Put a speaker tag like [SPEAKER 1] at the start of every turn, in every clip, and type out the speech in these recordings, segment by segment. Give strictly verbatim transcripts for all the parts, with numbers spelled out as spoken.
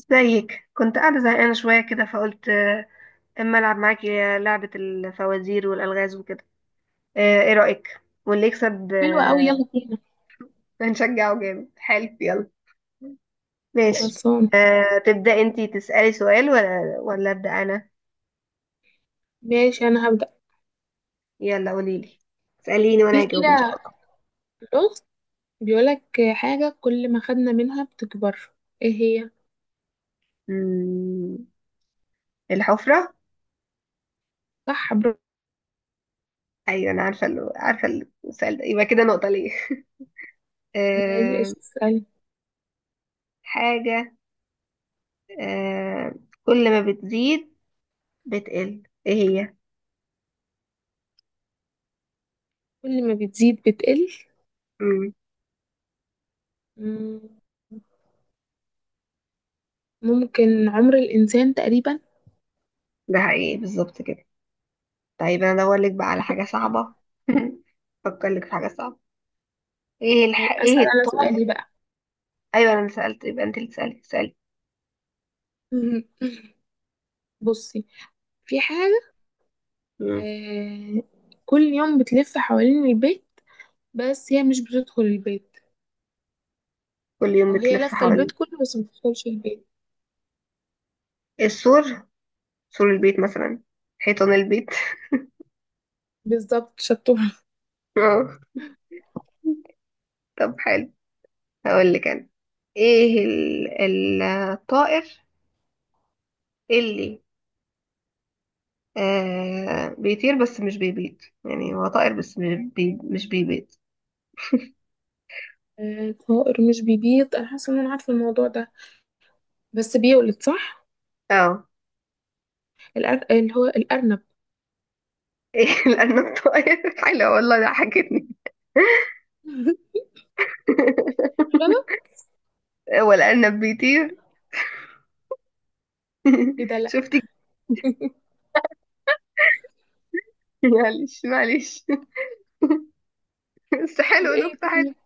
[SPEAKER 1] ازيك؟ كنت قاعدة زهقانة شوية كده فقلت آه، اما العب معاكي لعبة الفوازير والألغاز وكده. آه، ايه رأيك؟ واللي يكسب
[SPEAKER 2] حلوة أوي،
[SPEAKER 1] آه،
[SPEAKER 2] يلا بينا.
[SPEAKER 1] هنشجعه جامد. حلو يلا. ماشي.
[SPEAKER 2] خلصان.
[SPEAKER 1] آه، تبدأ انتي تسألي سؤال ولا ولا أبدأ أنا؟
[SPEAKER 2] ماشي أنا هبدأ.
[SPEAKER 1] يلا قوليلي. اسأليني
[SPEAKER 2] في
[SPEAKER 1] وأنا هجاوب إن شاء
[SPEAKER 2] كده
[SPEAKER 1] الله.
[SPEAKER 2] لغز، بيقولك حاجة كل ما خدنا منها بتكبر، ايه هي؟
[SPEAKER 1] مم، الحفرة.
[SPEAKER 2] صح، برافو.
[SPEAKER 1] أيوة أنا عارفة، ال- عارفة. السؤال ده يبقى كده نقطة ليه.
[SPEAKER 2] ماشي
[SPEAKER 1] آه،
[SPEAKER 2] اسألي.
[SPEAKER 1] حاجة آه، كل ما بتزيد بتقل ايه هي؟
[SPEAKER 2] كل ما بتزيد بتقل،
[SPEAKER 1] مم.
[SPEAKER 2] مم، ممكن عمر الإنسان تقريبا.
[SPEAKER 1] ده حقيقي بالظبط كده. طيب انا ادور لك بقى على حاجه صعبه. افكر لك في حاجه صعبه. ايه الح...
[SPEAKER 2] هيبقى أسأل
[SPEAKER 1] ايه
[SPEAKER 2] أنا
[SPEAKER 1] الطار.
[SPEAKER 2] سؤالي بقى.
[SPEAKER 1] ايوه انا اللي سالت، يبقى انت اللي سالت سالت.
[SPEAKER 2] بصي، في حاجة،
[SPEAKER 1] مم.
[SPEAKER 2] آه، كل يوم بتلف حوالين البيت، بس هي مش بتدخل البيت،
[SPEAKER 1] كل يوم
[SPEAKER 2] أو هي
[SPEAKER 1] بتلف
[SPEAKER 2] لفة البيت
[SPEAKER 1] حوالين.
[SPEAKER 2] كله بس ما بتدخلش البيت.
[SPEAKER 1] السور، سور البيت مثلا، حيطان البيت.
[SPEAKER 2] بالظبط، شطور.
[SPEAKER 1] آه. طب حلو. هقول لك انا. ايه ال... ال- الطائر اللي آه بيطير بس مش بيبيض. يعني هو طائر بس مش بي... مش بيبيض.
[SPEAKER 2] آه، طائر مش بيبيض، انا حاسه ان انا عارفه الموضوع ده، بس بيولد صح.
[SPEAKER 1] اه.
[SPEAKER 2] الأر... اللي هو الارنب.
[SPEAKER 1] ايه لانه الطائر حلو والله ضحكتني.
[SPEAKER 2] غلط.
[SPEAKER 1] والأرنب بيطير.
[SPEAKER 2] ايه ده؟ لا.
[SPEAKER 1] شفتي؟ معلش معلش. بس
[SPEAKER 2] طب
[SPEAKER 1] حلو،
[SPEAKER 2] ايه
[SPEAKER 1] نكتة حلوة.
[SPEAKER 2] تاني؟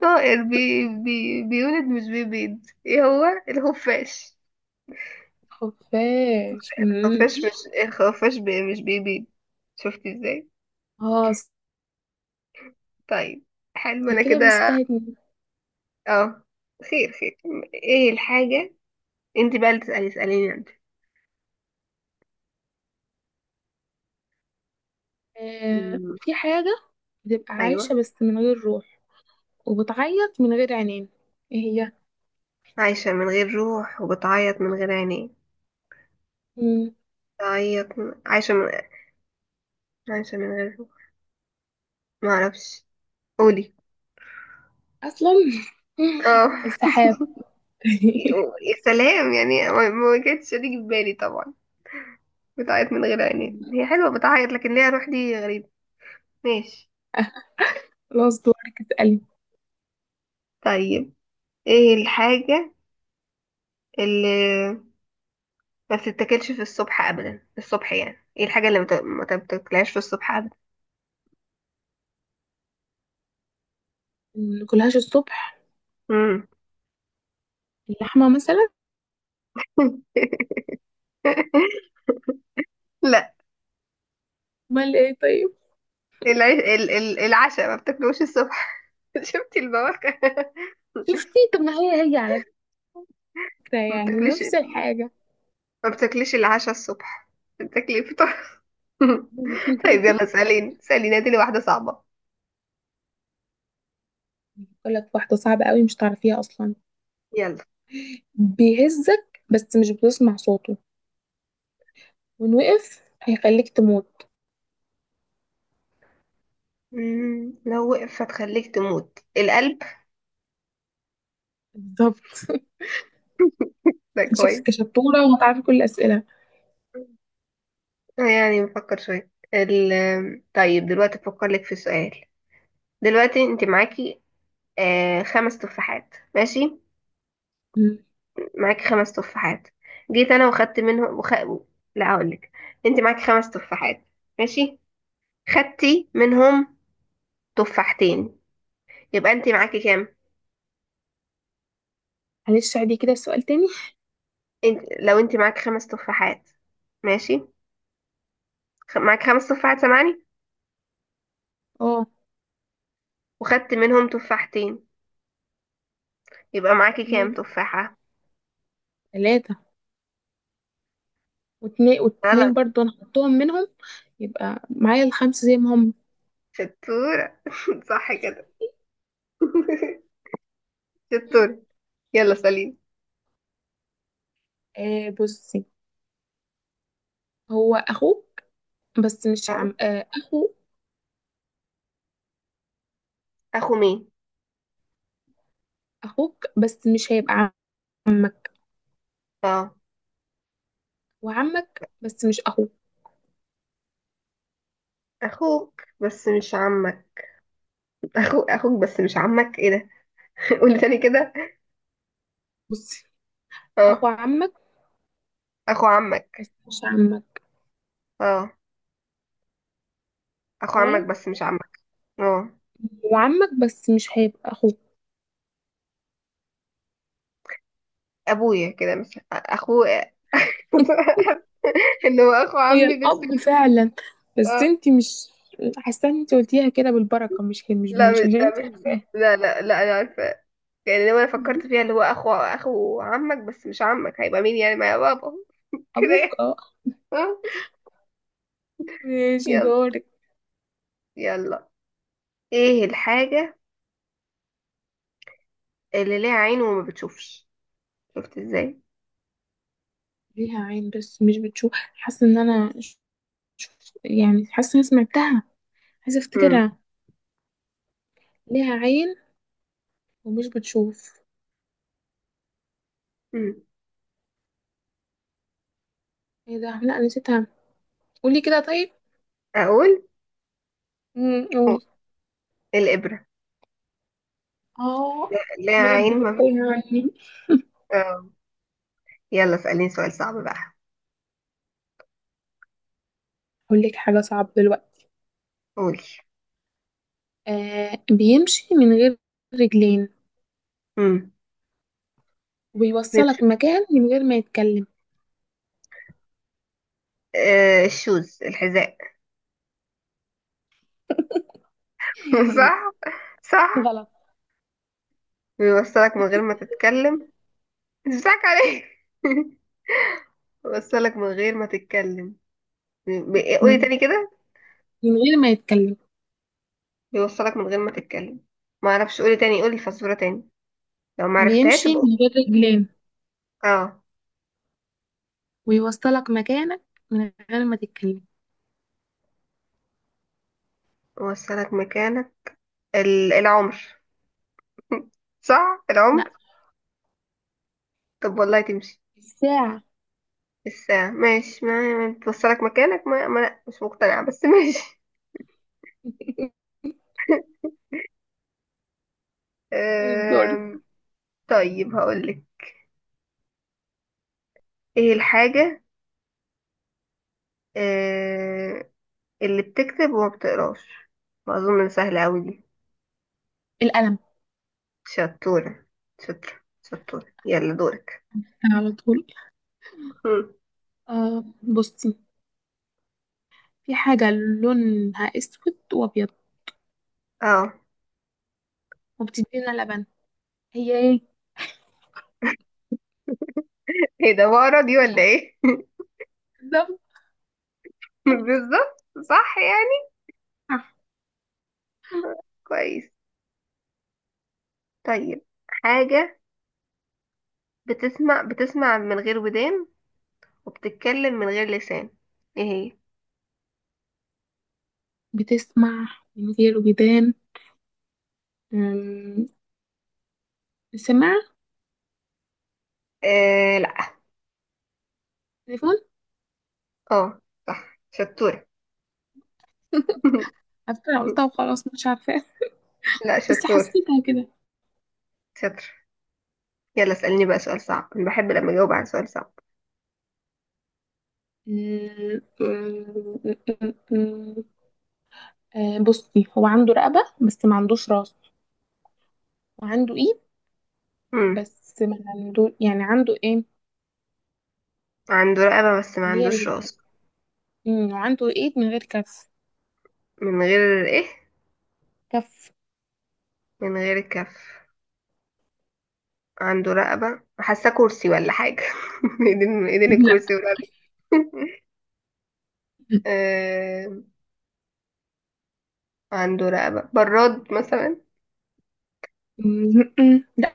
[SPEAKER 1] طائر بي بي بيولد مش بيبيض، ايه هو؟ الخفاش.
[SPEAKER 2] خفاش. مم.
[SPEAKER 1] الخفاش. مش الخفاش بي مش بيبيض؟ شفتي ازاي.
[SPEAKER 2] اه.
[SPEAKER 1] طيب حلو
[SPEAKER 2] اللي
[SPEAKER 1] انا
[SPEAKER 2] كده
[SPEAKER 1] كده.
[SPEAKER 2] مستني.
[SPEAKER 1] اه، خير خير. ايه الحاجة؟ انت بقى اللي تسألي، اسأليني انت.
[SPEAKER 2] آه،
[SPEAKER 1] مم.
[SPEAKER 2] في حاجه بتبقى عايشه
[SPEAKER 1] ايوه،
[SPEAKER 2] بس من غير روح، وبتعيط من غير عينين، ايه هي؟
[SPEAKER 1] عايشة من غير روح وبتعيط من غير عينين.
[SPEAKER 2] مم.
[SPEAKER 1] بتعيط من... عايشة من. عايشة من غير روح. معرفش، قولي.
[SPEAKER 2] اصلا،
[SPEAKER 1] اه.
[SPEAKER 2] السحاب.
[SPEAKER 1] يا سلام. يعني ما ما كانتش هتيجي في بالي طبعا. بتعيط من غير عينين هي حلوة، بتعيط لكن ليها روح دي غريبة. ماشي.
[SPEAKER 2] خلاص دورك، اسألي.
[SPEAKER 1] طيب، ايه الحاجة اللي ما بتتاكلش في الصبح ابدا؟ في الصبح يعني. ايه الحاجة اللي ما بت- ما بتاكلهاش في الصبح ابدا؟
[SPEAKER 2] ماكلهاش الصبح؟
[SPEAKER 1] مم.
[SPEAKER 2] اللحمة مثلا.
[SPEAKER 1] لا.
[SPEAKER 2] امال ايه طيب؟
[SPEAKER 1] العيش ال- ال- العشاء، ما بتاكلوش الصبح. شفتي البواكة.
[SPEAKER 2] شفتي؟ طب ما هي هي على،
[SPEAKER 1] ما
[SPEAKER 2] يعني
[SPEAKER 1] بتاكليش،
[SPEAKER 2] نفس الحاجة.
[SPEAKER 1] ما بتاكليش العشاء الصبح، بتاكلي الفطار. طيب يلا اسأليني، اسأليني هاتيلي واحدة صعبة.
[SPEAKER 2] بقول لك واحدة صعبة قوي مش تعرفيها أصلا.
[SPEAKER 1] يلا.
[SPEAKER 2] بيهزك بس مش بتسمع صوته، وإن وقف هيخليك تموت.
[SPEAKER 1] مم. لو وقفت هتخليك تموت؟ القلب.
[SPEAKER 2] بالظبط.
[SPEAKER 1] ده
[SPEAKER 2] شكلك
[SPEAKER 1] كويس.
[SPEAKER 2] شطورة وهتعرفي كل الأسئلة.
[SPEAKER 1] آه، يعني بفكر شوية ال... طيب دلوقتي بفكر لك في سؤال. دلوقتي انت معاكي آه خمس تفاحات، ماشي؟
[SPEAKER 2] مم.
[SPEAKER 1] معاكي خمس تفاحات. جيت انا وخدت منهم وخ... لا هقول لك. انت معاكي خمس تفاحات، ماشي؟ خدتي منهم تفاحتين، يبقى انت معاكي كام؟
[SPEAKER 2] معلش، عادي، كده السؤال تاني.
[SPEAKER 1] انت... لو انت معاكي خمس تفاحات، ماشي؟ خ- معاك خمس تفاحات سامعني؟
[SPEAKER 2] اه.
[SPEAKER 1] وخدت منهم تفاحتين، يبقى معاكي كام
[SPEAKER 2] مم.
[SPEAKER 1] تفاحة؟
[SPEAKER 2] تلاتة، واتنين واتنين
[SPEAKER 1] غلط.
[SPEAKER 2] برضو أنا حطهم منهم، يبقى معايا الخمسة زي ما هم.
[SPEAKER 1] شطورة. صح كده. شطورة. يلا سليم.
[SPEAKER 2] آه بصي، هو أخوك بس مش
[SPEAKER 1] اه.
[SPEAKER 2] عم آه أخو.
[SPEAKER 1] اخو مين؟
[SPEAKER 2] أخوك بس مش هيبقى عمك،
[SPEAKER 1] اه.
[SPEAKER 2] وعمك بس مش أخوك.
[SPEAKER 1] اخوك بس مش عمك. اخو اخوك بس مش عمك، ايه ده. قولي تاني كده.
[SPEAKER 2] بصي،
[SPEAKER 1] اه.
[SPEAKER 2] اخو عمك
[SPEAKER 1] اخو عمك.
[SPEAKER 2] بس مش عمك.
[SPEAKER 1] اه. اخو عمك
[SPEAKER 2] تمام،
[SPEAKER 1] بس مش عمك. اه.
[SPEAKER 2] هو عمك بس مش هيبقى اخوك.
[SPEAKER 1] ابويا كده مش اخوه. ان هو اخو
[SPEAKER 2] هي
[SPEAKER 1] عمي بس
[SPEAKER 2] الاب
[SPEAKER 1] مش-.
[SPEAKER 2] فعلا،
[SPEAKER 1] اه.
[SPEAKER 2] بس انت مش، حاسه ان انت قلتيها كده بالبركه، مش كده مش
[SPEAKER 1] لا
[SPEAKER 2] مش
[SPEAKER 1] مش-
[SPEAKER 2] عشان
[SPEAKER 1] ده
[SPEAKER 2] انت
[SPEAKER 1] مش،
[SPEAKER 2] عارفاها.
[SPEAKER 1] لا لا لا انا عارفة. يعني لو انا فكرت فيها اللي هو اخو اخو عمك بس مش عمك هيبقى مين يعني؟ ما يا بابا كده
[SPEAKER 2] ابوك
[SPEAKER 1] يعني.
[SPEAKER 2] اه.
[SPEAKER 1] آه،
[SPEAKER 2] ماشي
[SPEAKER 1] يلا
[SPEAKER 2] دورك.
[SPEAKER 1] يلا، ايه الحاجة اللي ليها عين وما بتشوفش؟ شفت ازاي.
[SPEAKER 2] ليها عين بس مش بتشوف، حاسه ان انا ش- يعني حاسه ان أنا سمعتها، عايزه
[SPEAKER 1] امم.
[SPEAKER 2] افتكرها. ليها عين ومش بتشوف.
[SPEAKER 1] امم.
[SPEAKER 2] ايه ده، لا نسيتها، قولي كده طيب.
[SPEAKER 1] اقول.
[SPEAKER 2] مم، قولي.
[SPEAKER 1] الابرة.
[SPEAKER 2] اه،
[SPEAKER 1] ليها
[SPEAKER 2] بجد
[SPEAKER 1] عين، ما
[SPEAKER 2] كانت
[SPEAKER 1] بت...
[SPEAKER 2] تايهة عني.
[SPEAKER 1] آه. يلا اسأليني سؤال صعب بقى.
[SPEAKER 2] اقول لك حاجه صعبه دلوقتي.
[SPEAKER 1] قولي.
[SPEAKER 2] آه، بيمشي من غير رجلين،
[SPEAKER 1] امم. بيمشي.
[SPEAKER 2] وبيوصلك مكان من غير ما يتكلم.
[SPEAKER 1] آه الشوز، الحذاء. صح. صح.
[SPEAKER 2] غلط.
[SPEAKER 1] بيوصلك من غير ما تتكلم. مش بتاعك عليه. بيوصلك من غير ما تتكلم. ب- قولي
[SPEAKER 2] مم.
[SPEAKER 1] تاني كده.
[SPEAKER 2] من غير ما يتكلم،
[SPEAKER 1] بيوصلك من غير ما تتكلم. ما اعرفش، قولي تاني، قولي الفزورة تاني. لو ما عرفتهاش
[SPEAKER 2] بيمشي
[SPEAKER 1] يبقى
[SPEAKER 2] من غير رجلين،
[SPEAKER 1] اه،
[SPEAKER 2] ويوصلك مكانك من غير ما تتكلم.
[SPEAKER 1] وصلك مكانك. ال... العمر. صح
[SPEAKER 2] لا،
[SPEAKER 1] العمر. طب والله تمشي؟
[SPEAKER 2] الساعة.
[SPEAKER 1] الساعة. ماشي، ما، ما توصلك مكانك، ما, ما لا مش مقتنعة بس ماشي.
[SPEAKER 2] طيب دورك.
[SPEAKER 1] أم... طيب هقولك. ايه الحاجة. أه... اللي بتكتب وما بتقراش. ما اظن سهلة اوي دي.
[SPEAKER 2] القلم.
[SPEAKER 1] شطورة، شطرة، شطورة يلا دورك.
[SPEAKER 2] على طول. آه بصي، في حاجة لونها أسود وأبيض
[SPEAKER 1] اه.
[SPEAKER 2] وبتدينا لبن، هي ايه؟
[SPEAKER 1] ايه ده، بقرا دي ولا ايه؟
[SPEAKER 2] بالظبط
[SPEAKER 1] بالظبط، صح يعني.
[SPEAKER 2] صح.
[SPEAKER 1] كويس. طيب. حاجة بتسمع، بتسمع من غير ودان وبتتكلم من غير لسان، ايه هي؟
[SPEAKER 2] بتسمع من غير ودان. أم، سماعة.
[SPEAKER 1] آه لا.
[SPEAKER 2] تليفون.
[SPEAKER 1] اه، صح شطورة.
[SPEAKER 2] عارفة أنا قلتها وخلاص مش عارفاها،
[SPEAKER 1] لا
[SPEAKER 2] بس
[SPEAKER 1] شطور،
[SPEAKER 2] حسيتها كده.
[SPEAKER 1] شطر. يلا اسألني بقى سؤال صعب، انا بحب لما اجاوب على سؤال صعب.
[SPEAKER 2] م- م- م- م- آه بصي، هو عنده رقبة بس ما عندوش راس، وعنده ايد
[SPEAKER 1] امم.
[SPEAKER 2] بس ما عنده، يعني عنده ايه
[SPEAKER 1] عنده رقبة بس ما
[SPEAKER 2] اللي هي
[SPEAKER 1] عندوش
[SPEAKER 2] ال-
[SPEAKER 1] راس.
[SPEAKER 2] م، وعنده ايد من غير كف.
[SPEAKER 1] من غير ايه؟
[SPEAKER 2] كف.
[SPEAKER 1] من غير كف. عنده رقبة، حاسة كرسي ولا حاجة. ايدين ايدين
[SPEAKER 2] لا.
[SPEAKER 1] الكرسي والرقبة. عنده رقبة براد مثلا.
[SPEAKER 2] م- لا.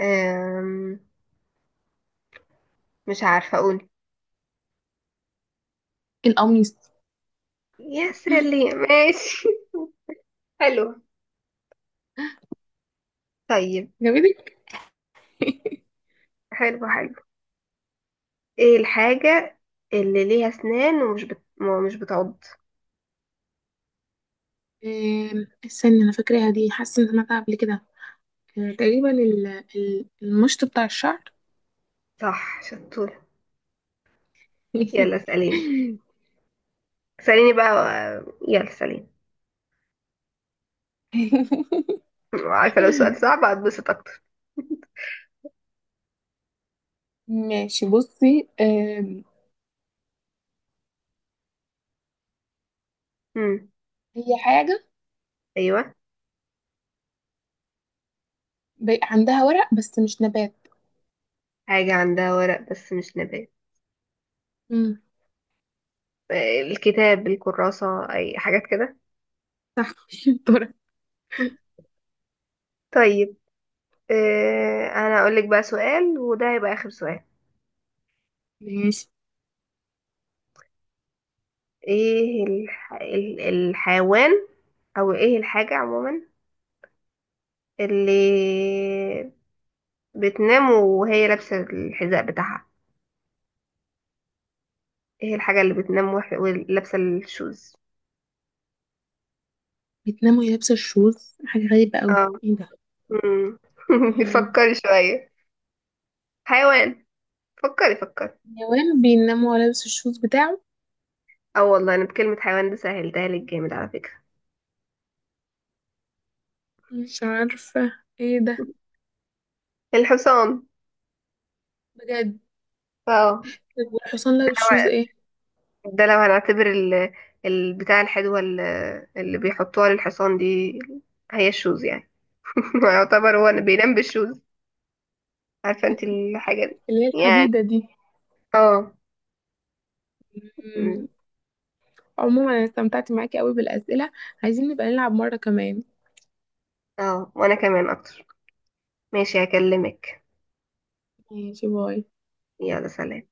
[SPEAKER 1] أم... مش عارفة أقول.
[SPEAKER 2] القميص.
[SPEAKER 1] يا سلام ماشي. حلو. طيب.
[SPEAKER 2] جابتك.
[SPEAKER 1] حلو حلو. ايه الحاجة اللي ليها أسنان ومش بت... مش بتعض؟
[SPEAKER 2] آم، استني انا فاكراها دي، حاسه ان سمعتها قبل كده. آه، تقريبا ال- ال- المشط بتاع الشعر.
[SPEAKER 1] صح شطور. يلا اسأليني. اسأليني بقى. و- يلا اسأليني. عارفة لو سؤال صعب هتبسط أكتر.
[SPEAKER 2] ماشي بصي، آم،
[SPEAKER 1] مم.
[SPEAKER 2] هي حاجة
[SPEAKER 1] أيوة.
[SPEAKER 2] ب- عندها ورق بس مش نبات.
[SPEAKER 1] حاجة عندها ورق بس مش نبات.
[SPEAKER 2] امم.
[SPEAKER 1] آه، الكتاب، الكراسة، أي حاجات كده.
[SPEAKER 2] صح، شطورة.
[SPEAKER 1] طيب آه، أنا أقولك بقى سؤال وده هيبقى آخر سؤال.
[SPEAKER 2] ماشي.
[SPEAKER 1] ايه الح... ال- الحيوان، او ايه الحاجة عموما اللي بتنام وهي لابسة الحذاء بتاعها؟ ايه الحاجة اللي بتنام وح- ولابسة الشوز؟
[SPEAKER 2] بتنام وهي لابسة الشوز، حاجة غريبة أوي.
[SPEAKER 1] اه.
[SPEAKER 2] ايه ده؟
[SPEAKER 1] مم.
[SPEAKER 2] آم،
[SPEAKER 1] فكري شوية. حيوان. فكري فكري.
[SPEAKER 2] النوام بينام وهو لابس الشوز بتاعه.
[SPEAKER 1] اه والله انا بكلمة حيوان دي سهلتها لك جامد على فكرة.
[SPEAKER 2] مش عارفة، ايه ده،
[SPEAKER 1] الحصان.
[SPEAKER 2] بجد؟
[SPEAKER 1] اه.
[SPEAKER 2] طب والحصان لابس شوز ايه؟
[SPEAKER 1] ده لو هنعتبر ال... البتاع الحلوة ال- اللي بيحطوها للحصان دي هي الشوز يعني. يعتبر هو
[SPEAKER 2] آه،
[SPEAKER 1] بينام بالشوز. عارفة انت الحاجة دي
[SPEAKER 2] اللي هي
[SPEAKER 1] يعني
[SPEAKER 2] الحديدة دي.
[SPEAKER 1] اه. مم.
[SPEAKER 2] مم، عموما انا استمتعت معاكي قوي بالأسئلة، عايزين نبقى نلعب مرة كمان.
[SPEAKER 1] اه وانا كمان اكتر. ماشي هكلمك.
[SPEAKER 2] ماشي باي.
[SPEAKER 1] يلا سلام.